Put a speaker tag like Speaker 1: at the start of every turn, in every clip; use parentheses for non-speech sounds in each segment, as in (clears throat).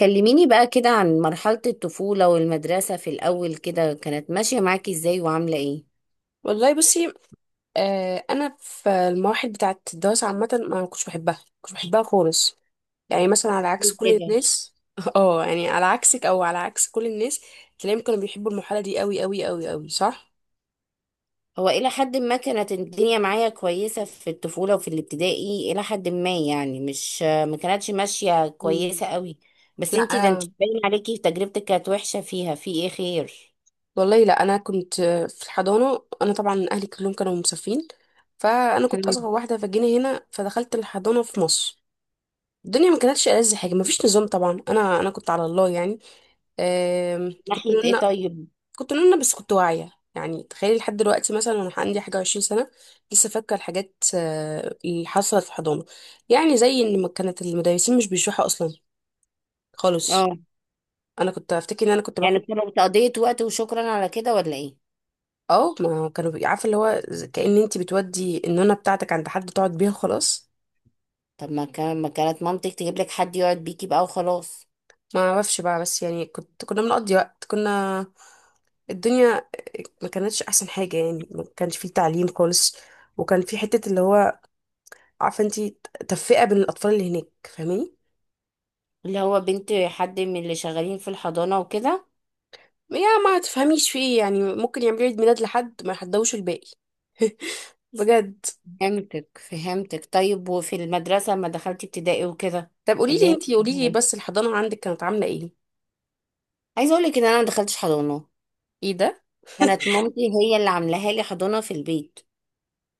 Speaker 1: كلميني بقى كده عن مرحلة الطفولة والمدرسة في الأول كده، كانت ماشية معاكي ازاي وعاملة ايه؟
Speaker 2: والله بصي. انا في المواحد بتاعه الدراسه عامه، ما كنتش بحبها، خالص. يعني مثلا على عكس
Speaker 1: قولي
Speaker 2: كل
Speaker 1: كده.
Speaker 2: الناس (laughs) اه يعني على عكسك او على عكس كل الناس، تلاقيهم كانوا بيحبوا المرحله دي قوي قوي قوي قوي، صح؟
Speaker 1: هو إلى حد ما كانت الدنيا معايا كويسة في الطفولة وفي الابتدائي، إلى حد ما يعني، مش ما كانتش ماشية
Speaker 2: مم.
Speaker 1: كويسة قوي. بس
Speaker 2: لا
Speaker 1: انت
Speaker 2: أنا
Speaker 1: باين عليكي تجربتك كانت وحشة، فيها في ايه خير؟
Speaker 2: والله، لا أنا كنت في الحضانة. أنا طبعا أهلي كلهم كانوا مسافرين، فأنا كنت أصغر
Speaker 1: مم.
Speaker 2: واحدة، فجينا هنا فدخلت الحضانة في مصر. الدنيا ما كانتش ألذ حاجة، ما فيش نظام طبعا. أنا كنت على الله يعني. آم، كنت
Speaker 1: ناحية ايه طيب؟
Speaker 2: كنت نونة، بس كنت واعية. يعني تخيلي، لحد دلوقتي مثلا وانا عندي حاجة و20 سنة لسه فاكرة الحاجات اللي حصلت في حضانة. يعني زي ان ما كانت المدرسين مش بيشرحوا اصلا خالص.
Speaker 1: اه،
Speaker 2: انا كنت افتكر ان انا كنت
Speaker 1: يعني
Speaker 2: باخد.
Speaker 1: كانوا تقضية وقت وشكرا على كده ولا ايه؟
Speaker 2: اه، ما كانوا عارفة اللي هو كأن انت بتودي النونة بتاعتك عند حد تقعد بيها خلاص.
Speaker 1: طب ما كانت مامتك تجيب لك حد يقعد بيكي بقى وخلاص.
Speaker 2: ما اعرفش بقى، بس يعني كنا بنقضي وقت. كنا... الدنيا ما كانتش احسن حاجة يعني، ما كانش فيه تعليم خالص. وكان في حتة اللي هو، عارفة انت، تفرقة بين الاطفال اللي هناك. فاهماني؟
Speaker 1: اللي هو بنت حد من اللي شغالين في الحضانة وكده.
Speaker 2: يا ما تفهميش في ايه، يعني ممكن يعملوا عيد ميلاد لحد ما يحضوش الباقي. (laughs) بجد.
Speaker 1: فهمتك، طيب. وفي المدرسة لما دخلتي ابتدائي وكده،
Speaker 2: طب قولي لي
Speaker 1: الدنيا
Speaker 2: انتي،
Speaker 1: كانت
Speaker 2: قولي
Speaker 1: عاملة
Speaker 2: لي
Speaker 1: إيه؟
Speaker 2: بس الحضانة عندك كانت عاملة ايه؟
Speaker 1: عايزة اقولك ان انا ما دخلتش حضانة.
Speaker 2: ايه ده! (laughs)
Speaker 1: كانت مامتي هي اللي عاملاها لي حضانة في البيت.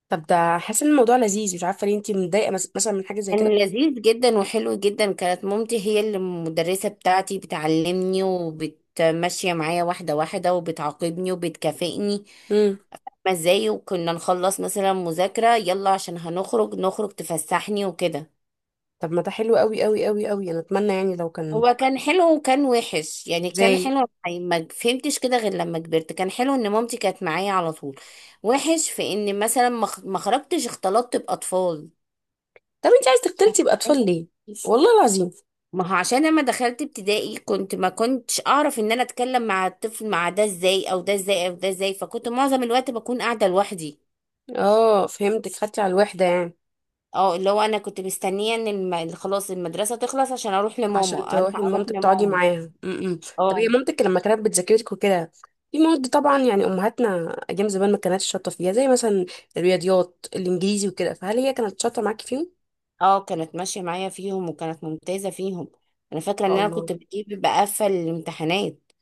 Speaker 2: طب ده حاسة ان الموضوع لذيذ، مش عارفة ليه انتي متضايقة مثلا من حاجة زي
Speaker 1: كان
Speaker 2: كده.
Speaker 1: لذيذ جدا وحلو جدا، كانت مامتي هي اللي المدرسة بتاعتي، بتعلمني وبتمشي معايا واحدة واحدة وبتعاقبني وبتكافئني.
Speaker 2: امم.
Speaker 1: ما ازاي، وكنا نخلص مثلا مذاكرة، يلا عشان هنخرج، نخرج تفسحني وكده.
Speaker 2: طب ما ده حلو قوي قوي قوي قوي! انا اتمنى يعني لو كان.
Speaker 1: هو كان حلو وكان وحش يعني، كان
Speaker 2: ازاي؟
Speaker 1: حلو يعني ما فهمتش كده غير لما كبرت. كان حلو ان مامتي كانت معايا على طول، وحش في ان مثلا ما خرجتش اختلطت باطفال.
Speaker 2: طب انتي عايز تختلطي باطفال ليه؟ والله العظيم.
Speaker 1: ما هو عشان لما دخلت ابتدائي ما كنتش اعرف ان انا اتكلم مع الطفل، مع ده ازاي او ده ازاي او ده ازاي، فكنت معظم الوقت بكون قاعدة لوحدي.
Speaker 2: اه فهمتك، خدتي على الوحدة يعني.
Speaker 1: اه، اللي هو انا كنت مستنية ان خلاص المدرسة تخلص عشان اروح
Speaker 2: عشان
Speaker 1: لماما،
Speaker 2: تروحي
Speaker 1: الحق اروح
Speaker 2: لمامتك تقعدي
Speaker 1: لماما.
Speaker 2: معاها. امم. طب هي
Speaker 1: اه،
Speaker 2: مامتك لما كانت بتذاكرك وكده، في مواد طبعا يعني، امهاتنا ايام زمان ما كانتش شاطره فيها، زي مثلا الرياضيات، الانجليزي وكده، فهل هي كانت شاطره معاكي فيهم؟
Speaker 1: اه، كانت ماشية معايا فيهم وكانت ممتازة فيهم. انا
Speaker 2: ما
Speaker 1: فاكرة ان
Speaker 2: شاء
Speaker 1: انا كنت
Speaker 2: الله،
Speaker 1: بجيب بقفل الامتحانات.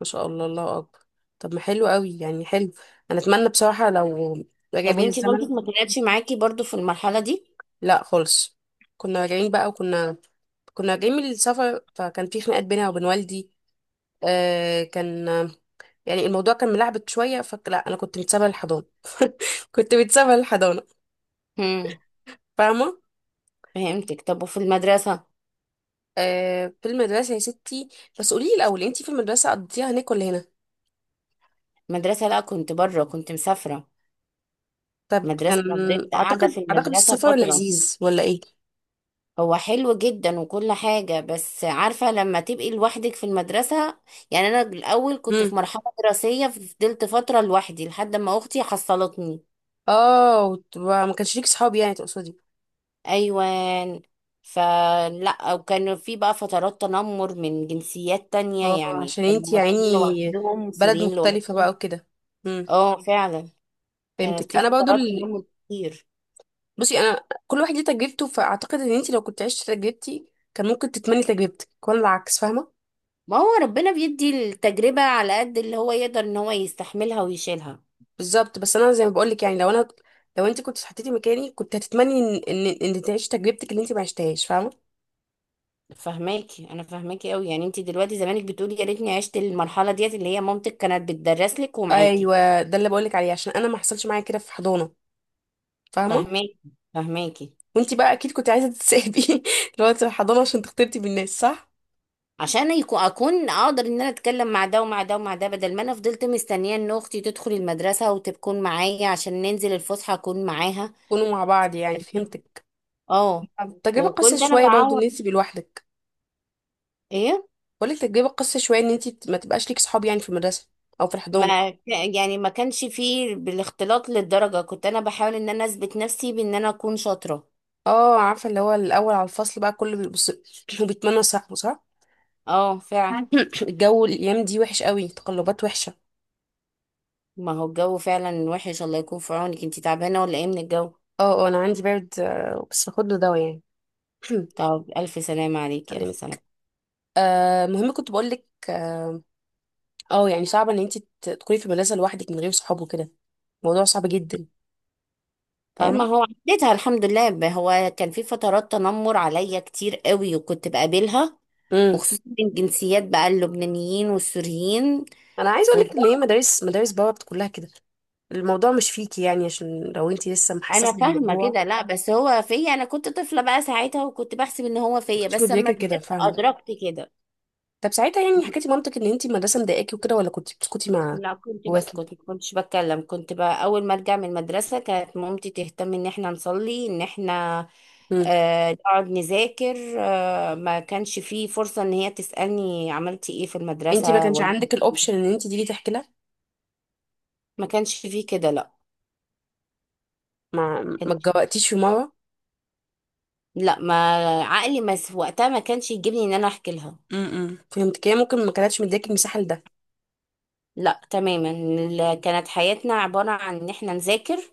Speaker 2: ما شاء الله، الله اكبر! طب ما حلو قوي يعني، حلو. انا اتمنى بصراحه لو رجع
Speaker 1: طب
Speaker 2: بيا
Speaker 1: وانتي
Speaker 2: الزمن.
Speaker 1: مامتك ما كانتش معاكي برضو في المرحلة دي؟
Speaker 2: لا خالص. كنا راجعين بقى وكنا... كنا راجعين من السفر، فكان في خناقات بينها وبين والدي. آه كان... يعني الموضوع كان ملعبك شويه، فلا انا كنت متسابه للحضانه. (laughs) كنت متسابه للحضانه.
Speaker 1: امم
Speaker 2: فاهمه؟
Speaker 1: فهمتك. طب وفي المدرسة؟
Speaker 2: في المدرسه يا ستي، بس قولي لي الاول، انت في المدرسه قضيتيها هناك ولا هنا؟
Speaker 1: المدرسة، لا، كنت بره، كنت مسافرة.
Speaker 2: طب كان...
Speaker 1: مدرسة، انا فضلت قاعدة في
Speaker 2: اعتقد
Speaker 1: المدرسة
Speaker 2: السفر
Speaker 1: فترة.
Speaker 2: لذيذ ولا ايه؟
Speaker 1: هو حلو جدا وكل حاجة، بس عارفة لما تبقي لوحدك في المدرسة، يعني انا الاول كنت
Speaker 2: امم.
Speaker 1: في مرحلة دراسية فضلت فترة لوحدي لحد ما اختي حصلتني.
Speaker 2: اه، ما كانش ليك صحاب يعني، تقصدي؟
Speaker 1: ايوان، فلا، وكان في بقى فترات تنمر من جنسيات
Speaker 2: اه،
Speaker 1: تانية، يعني
Speaker 2: عشان
Speaker 1: كانوا
Speaker 2: انت يعني
Speaker 1: مصريين لوحدهم
Speaker 2: بلد
Speaker 1: وسوريين
Speaker 2: مختلفه
Speaker 1: لوحدهم.
Speaker 2: بقى وكده. امم.
Speaker 1: اه، فعلا. كانت
Speaker 2: فهمتك.
Speaker 1: في
Speaker 2: انا برضو
Speaker 1: فترات تنمر كتير.
Speaker 2: بصي، انا كل واحد ليه تجربته، فاعتقد ان انت لو كنت عشت تجربتي كان ممكن تتمني تجربتك ولا العكس، فاهمه؟
Speaker 1: ما هو ربنا بيدي التجربة على قد اللي هو يقدر ان هو يستحملها ويشيلها.
Speaker 2: بالظبط. بس انا زي ما بقولك، يعني لو انا... لو انت كنت حطيتي مكاني كنت هتتمني ان تعيشي تجربتك اللي انت ما عشتهاش، فاهمه؟
Speaker 1: فهماكي، انا فهماكي قوي. يعني انت دلوقتي زمانك بتقولي يا ريتني عشت المرحلة ديت اللي هي مامتك كانت بتدرس لك ومعاكي.
Speaker 2: ايوه، ده اللي بقولك عليه، عشان انا ما حصلش معايا كده في حضانه، فاهمه؟
Speaker 1: فهماكي، فهماكي.
Speaker 2: وانت بقى اكيد كنت عايزه تتسابي (laughs) لو انت في الحضانه عشان تختلطي بالناس، صح؟
Speaker 1: عشان اكون اقدر ان انا اتكلم مع ده ومع ده ومع ده، بدل ما انا فضلت مستنيه ان اختي تدخل المدرسه وتكون معايا عشان ننزل الفسحه اكون معاها.
Speaker 2: كونوا مع بعض يعني، فهمتك.
Speaker 1: اه.
Speaker 2: طب تجربه قاسيه
Speaker 1: وكنت انا
Speaker 2: شويه برضه ان
Speaker 1: بعوض.
Speaker 2: انت تبقي لوحدك.
Speaker 1: ايه.
Speaker 2: بقولك تجربه قاسيه شويه ان انت ما تبقاش ليك صحاب يعني، في المدرسه او في الحضانه.
Speaker 1: ما ك- يعني ما كانش فيه بالاختلاط للدرجه، كنت انا بحاول ان انا اثبت نفسي بان انا اكون شاطره.
Speaker 2: اه عارفه، اللي هو الاول على الفصل بقى كله بيبص (clears throat) وبيتمنى صاحبه، صح؟
Speaker 1: اه، فعلا.
Speaker 2: (coughs) (laughs) الجو الايام دي وحش قوي، تقلبات وحشه.
Speaker 1: ما هو الجو فعلا وحش، الله يكون في عونك. انتي تعبانه ولا ايه من الجو؟
Speaker 2: اه، اه، انا عندي برد، بس باخد له دواء يعني. (coughs)
Speaker 1: طب الف سلامه
Speaker 2: (clears throat)
Speaker 1: عليكي، الف
Speaker 2: اكلمك.
Speaker 1: سلامه.
Speaker 2: المهم كنت بقول لك يعني صعب ان انت تكوني في مدرسه لوحدك من غير صحاب وكده. الموضوع صعب جدا،
Speaker 1: طيب، ما
Speaker 2: فاهمه؟
Speaker 1: هو عديتها الحمد لله. هو كان في فترات تنمر عليا كتير قوي، وكنت بقابلها.
Speaker 2: امم.
Speaker 1: وخصوصا من جنسيات بقى، اللبنانيين والسوريين.
Speaker 2: انا عايزه اقول لك ان
Speaker 1: فضاء.
Speaker 2: هي، مدارس بابا، كلها كده. الموضوع مش فيكي يعني، عشان لو انت لسه
Speaker 1: انا
Speaker 2: محسسه
Speaker 1: فاهمه
Speaker 2: بالموضوع،
Speaker 1: كده، لا بس هو فيا، انا كنت طفله بقى ساعتها وكنت بحسب ان هو فيا،
Speaker 2: مش
Speaker 1: بس لما
Speaker 2: مدركه كده،
Speaker 1: كبرت
Speaker 2: فاهمه؟
Speaker 1: ادركت كده.
Speaker 2: طب ساعتها يعني حكيتي مامتك ان انت المدرسه مضايقاكي وكده ولا كنت بتسكتي مع
Speaker 1: لا، كنت
Speaker 2: جواكي؟
Speaker 1: بسكت، ما كنتش بتكلم. كنت بقى اول ما ارجع من المدرسه كانت مامتي تهتم ان احنا نصلي، ان احنا
Speaker 2: امم.
Speaker 1: نقعد نذاكر، ما كانش فيه فرصة ان هي تسألني عملتي ايه في
Speaker 2: انت ما
Speaker 1: المدرسة،
Speaker 2: كانش
Speaker 1: واجب-.
Speaker 2: عندك الاوبشن ان انت تيجي تحكي لها؟
Speaker 1: ما كانش فيه كده، لا.
Speaker 2: ما
Speaker 1: كان
Speaker 2: ما اتجوقتيش في مره؟
Speaker 1: ما عقلي ما س- وقتها ما كانش يجيبني ان انا احكي لها.
Speaker 2: امم. فهمت كده، ممكن ما كانتش مدياكي المساحه لده.
Speaker 1: لا تماما، كانت حياتنا عبارة عن ان احنا نذاكر،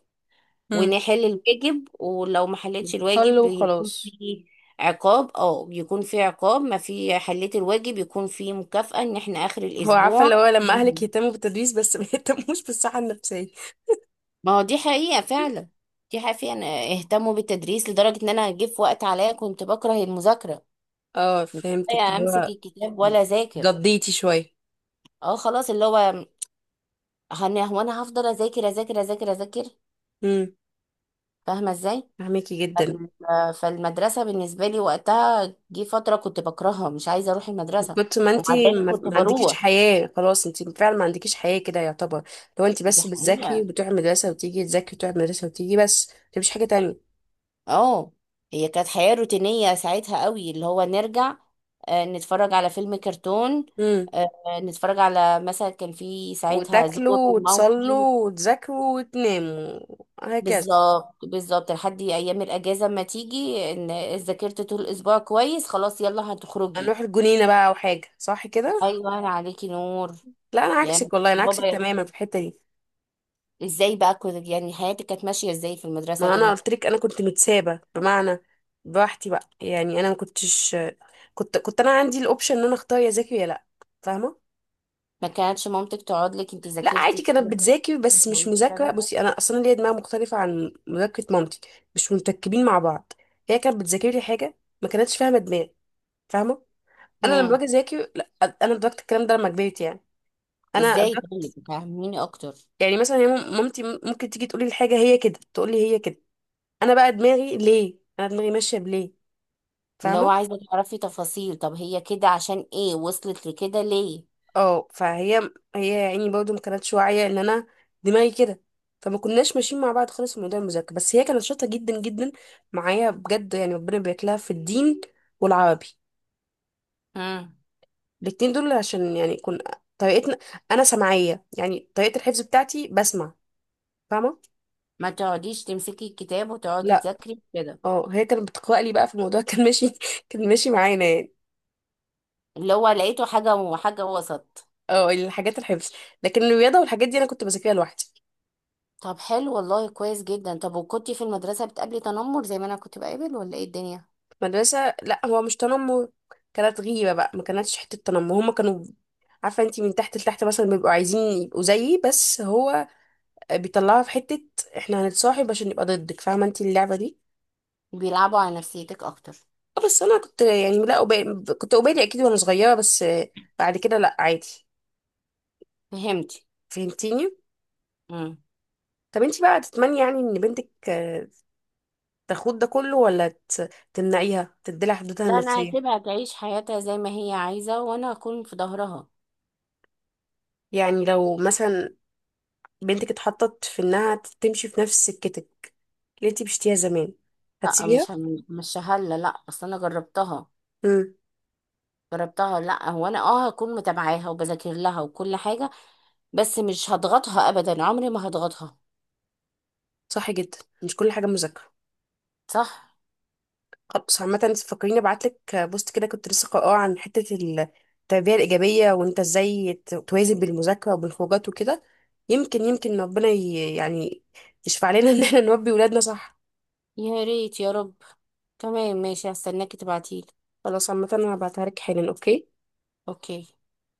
Speaker 2: امم.
Speaker 1: ونحل الواجب. ولو ما حلتش الواجب
Speaker 2: صلوا
Speaker 1: يكون
Speaker 2: وخلاص.
Speaker 1: في عقاب، يكون في عقاب. ما في حليت الواجب يكون في مكافأة، ان احنا اخر
Speaker 2: هو عارفه
Speaker 1: الاسبوع.
Speaker 2: اللي هو، لما اهلك يهتموا بالتدريس بس ما (laughs) يهتموش بالصحه النفسيه.
Speaker 1: ما هو دي حقيقة فعلا. دي حقيقة. اهتموا بالتدريس لدرجة إن أنا جه في وقت عليا كنت بكره المذاكرة،
Speaker 2: اه
Speaker 1: مش
Speaker 2: فهمتك،
Speaker 1: لاقية
Speaker 2: اللي
Speaker 1: أمسك
Speaker 2: هو
Speaker 1: الكتاب ولا أذاكر.
Speaker 2: جضيتي شويه.
Speaker 1: اه خلاص، اللي هو هو أنا هفضل أذاكر أذاكر أذاكر أذاكر.
Speaker 2: امم.
Speaker 1: فاهمة إزاي؟
Speaker 2: فهميكي جدا.
Speaker 1: فالمدرسة بالنسبة لي وقتها جه فترة كنت بكرهها، مش عايزة أروح المدرسة،
Speaker 2: ما انت،
Speaker 1: ومع ذلك
Speaker 2: ما
Speaker 1: كنت
Speaker 2: ما عندكيش
Speaker 1: بروح.
Speaker 2: حياه خلاص. انت فعلا ما عندكيش حياه كده يعتبر. لو انت
Speaker 1: دي
Speaker 2: بس بتذاكري
Speaker 1: حقيقة.
Speaker 2: وبتروحي المدرسه، وتيجي تذاكري وتروحي المدرسه وتيجي بس، انت مفيش حاجه تانية.
Speaker 1: اه، هي كانت حياة روتينية ساعتها قوي، اللي هو نرجع، نتفرج على فيلم كرتون،
Speaker 2: امم.
Speaker 1: آه، نتفرج على، مثلا كان في ساعتها زور
Speaker 2: وتاكلوا
Speaker 1: وماوكي.
Speaker 2: وتصلوا وتذاكروا وتناموا، هكذا.
Speaker 1: بالظبط، بالظبط، لحد ايام الاجازة ما تيجي، ان ذاكرت طول الاسبوع كويس، خلاص يلا هتخرجي.
Speaker 2: هنروح الجنينة بقى أو حاجة، صح كده؟
Speaker 1: ايوه، انا عليكي نور.
Speaker 2: لا أنا
Speaker 1: يا
Speaker 2: عكسك، والله أنا
Speaker 1: بابا،
Speaker 2: عكسك
Speaker 1: أخي.
Speaker 2: تماما في الحتة دي.
Speaker 1: ازاي بقى كنت، يعني حياتك كانت ماشية ازاي في المدرسة
Speaker 2: ما أنا
Speaker 1: كده؟
Speaker 2: قلت لك أنا كنت متسابة، بمعنى براحتي بقى. يعني أنا ما كنتش... كنت أنا عندي الأوبشن إن أنا أختار يا ذاكر يا لأ. فاهمة؟
Speaker 1: ما كانتش مامتك تقعد لك انت
Speaker 2: لا،
Speaker 1: ذاكرتي
Speaker 2: عادي كانت
Speaker 1: كده؟
Speaker 2: بتذاكر، بس مش مذاكرة.
Speaker 1: (laughs)
Speaker 2: بصي، أنا أصلا ليا دماغ مختلفة عن مذاكرة مامتي، مش متركبين مع بعض. هي كانت بتذاكر لي حاجة، ما كانتش فاهمة دماغي. فاهمة؟ أنا لما
Speaker 1: هم.
Speaker 2: باجي أذاكر... لا، أنا أدركت الكلام ده لما كبرت يعني. انا
Speaker 1: ازاي
Speaker 2: أدركت.
Speaker 1: طيب، فهميني اكتر.
Speaker 2: يعني مثلا هي مامتي ممكن تيجي تقولي الحاجه هي كده، تقولي هي كده. انا بقى دماغي ليه؟ انا دماغي ماشيه بليه،
Speaker 1: اللي هو
Speaker 2: فاهمه؟
Speaker 1: عايزه تعرفي تفاصيل، طب هي كده عشان ايه وصلت لكده ليه؟
Speaker 2: اه، فهي يعني برضه ما كانتش واعيه ان انا دماغي كده. فما كناش ماشيين مع بعض خالص في موضوع المذاكره. بس هي كانت شاطره جدا جدا معايا بجد، يعني ربنا يباركلها في الدين والعربي،
Speaker 1: امم.
Speaker 2: الاتنين دول. عشان يعني طريقتنا، انا سمعيه يعني، طريقه الحفظ بتاعتي بسمع، فاهمه؟
Speaker 1: ما تقعديش تمسكي الكتاب وتقعدي
Speaker 2: لا،
Speaker 1: تذاكري كده.
Speaker 2: اه هي كانت بتقرأ لي بقى، في الموضوع كان ماشي (laughs) كان ماشي معانا يعني.
Speaker 1: اللي هو لقيته حاجه وحاجه وسط.
Speaker 2: اه، الحاجات الحفظ، لكن الرياضة والحاجات دي أنا كنت بذاكرها لوحدي.
Speaker 1: طب حلو والله، كويس جدا. طب وكنتي في المدرسه بتقابلي تنمر زي ما انا كنت بقابل، ولا ايه الدنيا؟
Speaker 2: مدرسة لا، هو مش تنمر، كانت غيبة بقى، ما كانتش حتة تنمر. هما كانوا، عارفة انتي، من تحت لتحت، مثلا بيبقوا عايزين يبقوا زيي، بس هو بيطلعها في حتة احنا هنتصاحب عشان نبقى ضدك. فاهمة انتي اللعبة دي؟
Speaker 1: بيلعبوا على نفسيتك اكتر.
Speaker 2: اه، بس أنا كنت يعني لا أبالي. كنت أبالي أكيد وأنا صغيرة، بس بعد كده لا، عادي.
Speaker 1: فهمتي.
Speaker 2: فهمتيني؟
Speaker 1: امم.
Speaker 2: طب انتي بقى تتمني يعني ان بنتك، تاخد ده كله ولا تمنعيها تديلها حدودها
Speaker 1: لا، انا
Speaker 2: النفسية؟
Speaker 1: هسيبها تعيش حياتها زي ما هي عايزه، وانا هكون في ظهرها.
Speaker 2: يعني لو مثلا بنتك اتحطت في انها تمشي في نفس سكتك اللي انت مشيتيها زمان،
Speaker 1: لا،
Speaker 2: هتسيبيها؟
Speaker 1: مش هلا لا، اصل انا جربتها.
Speaker 2: امم.
Speaker 1: جربتها ولا لا. هو انا، هكون متابعاها وبذاكر لها وكل حاجه، بس مش هضغطها ابدا، عمري ما هضغطها.
Speaker 2: صح جدا، مش كل حاجه مذاكره.
Speaker 1: صح.
Speaker 2: خلاص عامه، فكريني ابعت لك بوست كده كنت لسه قاراه عن حته التربيه الايجابيه، وانت ازاي توازن بالمذاكره وبالخروجات وكده. يمكن ربنا يعني يشفع لنا (laughs) ان احنا نربي ولادنا صح.
Speaker 1: يا ريت يا رب. تمام ماشي، هستناكي تبعتيلي.
Speaker 2: خلاص عامه، انا هبعتها لك حالا. اوكي.
Speaker 1: اوكي.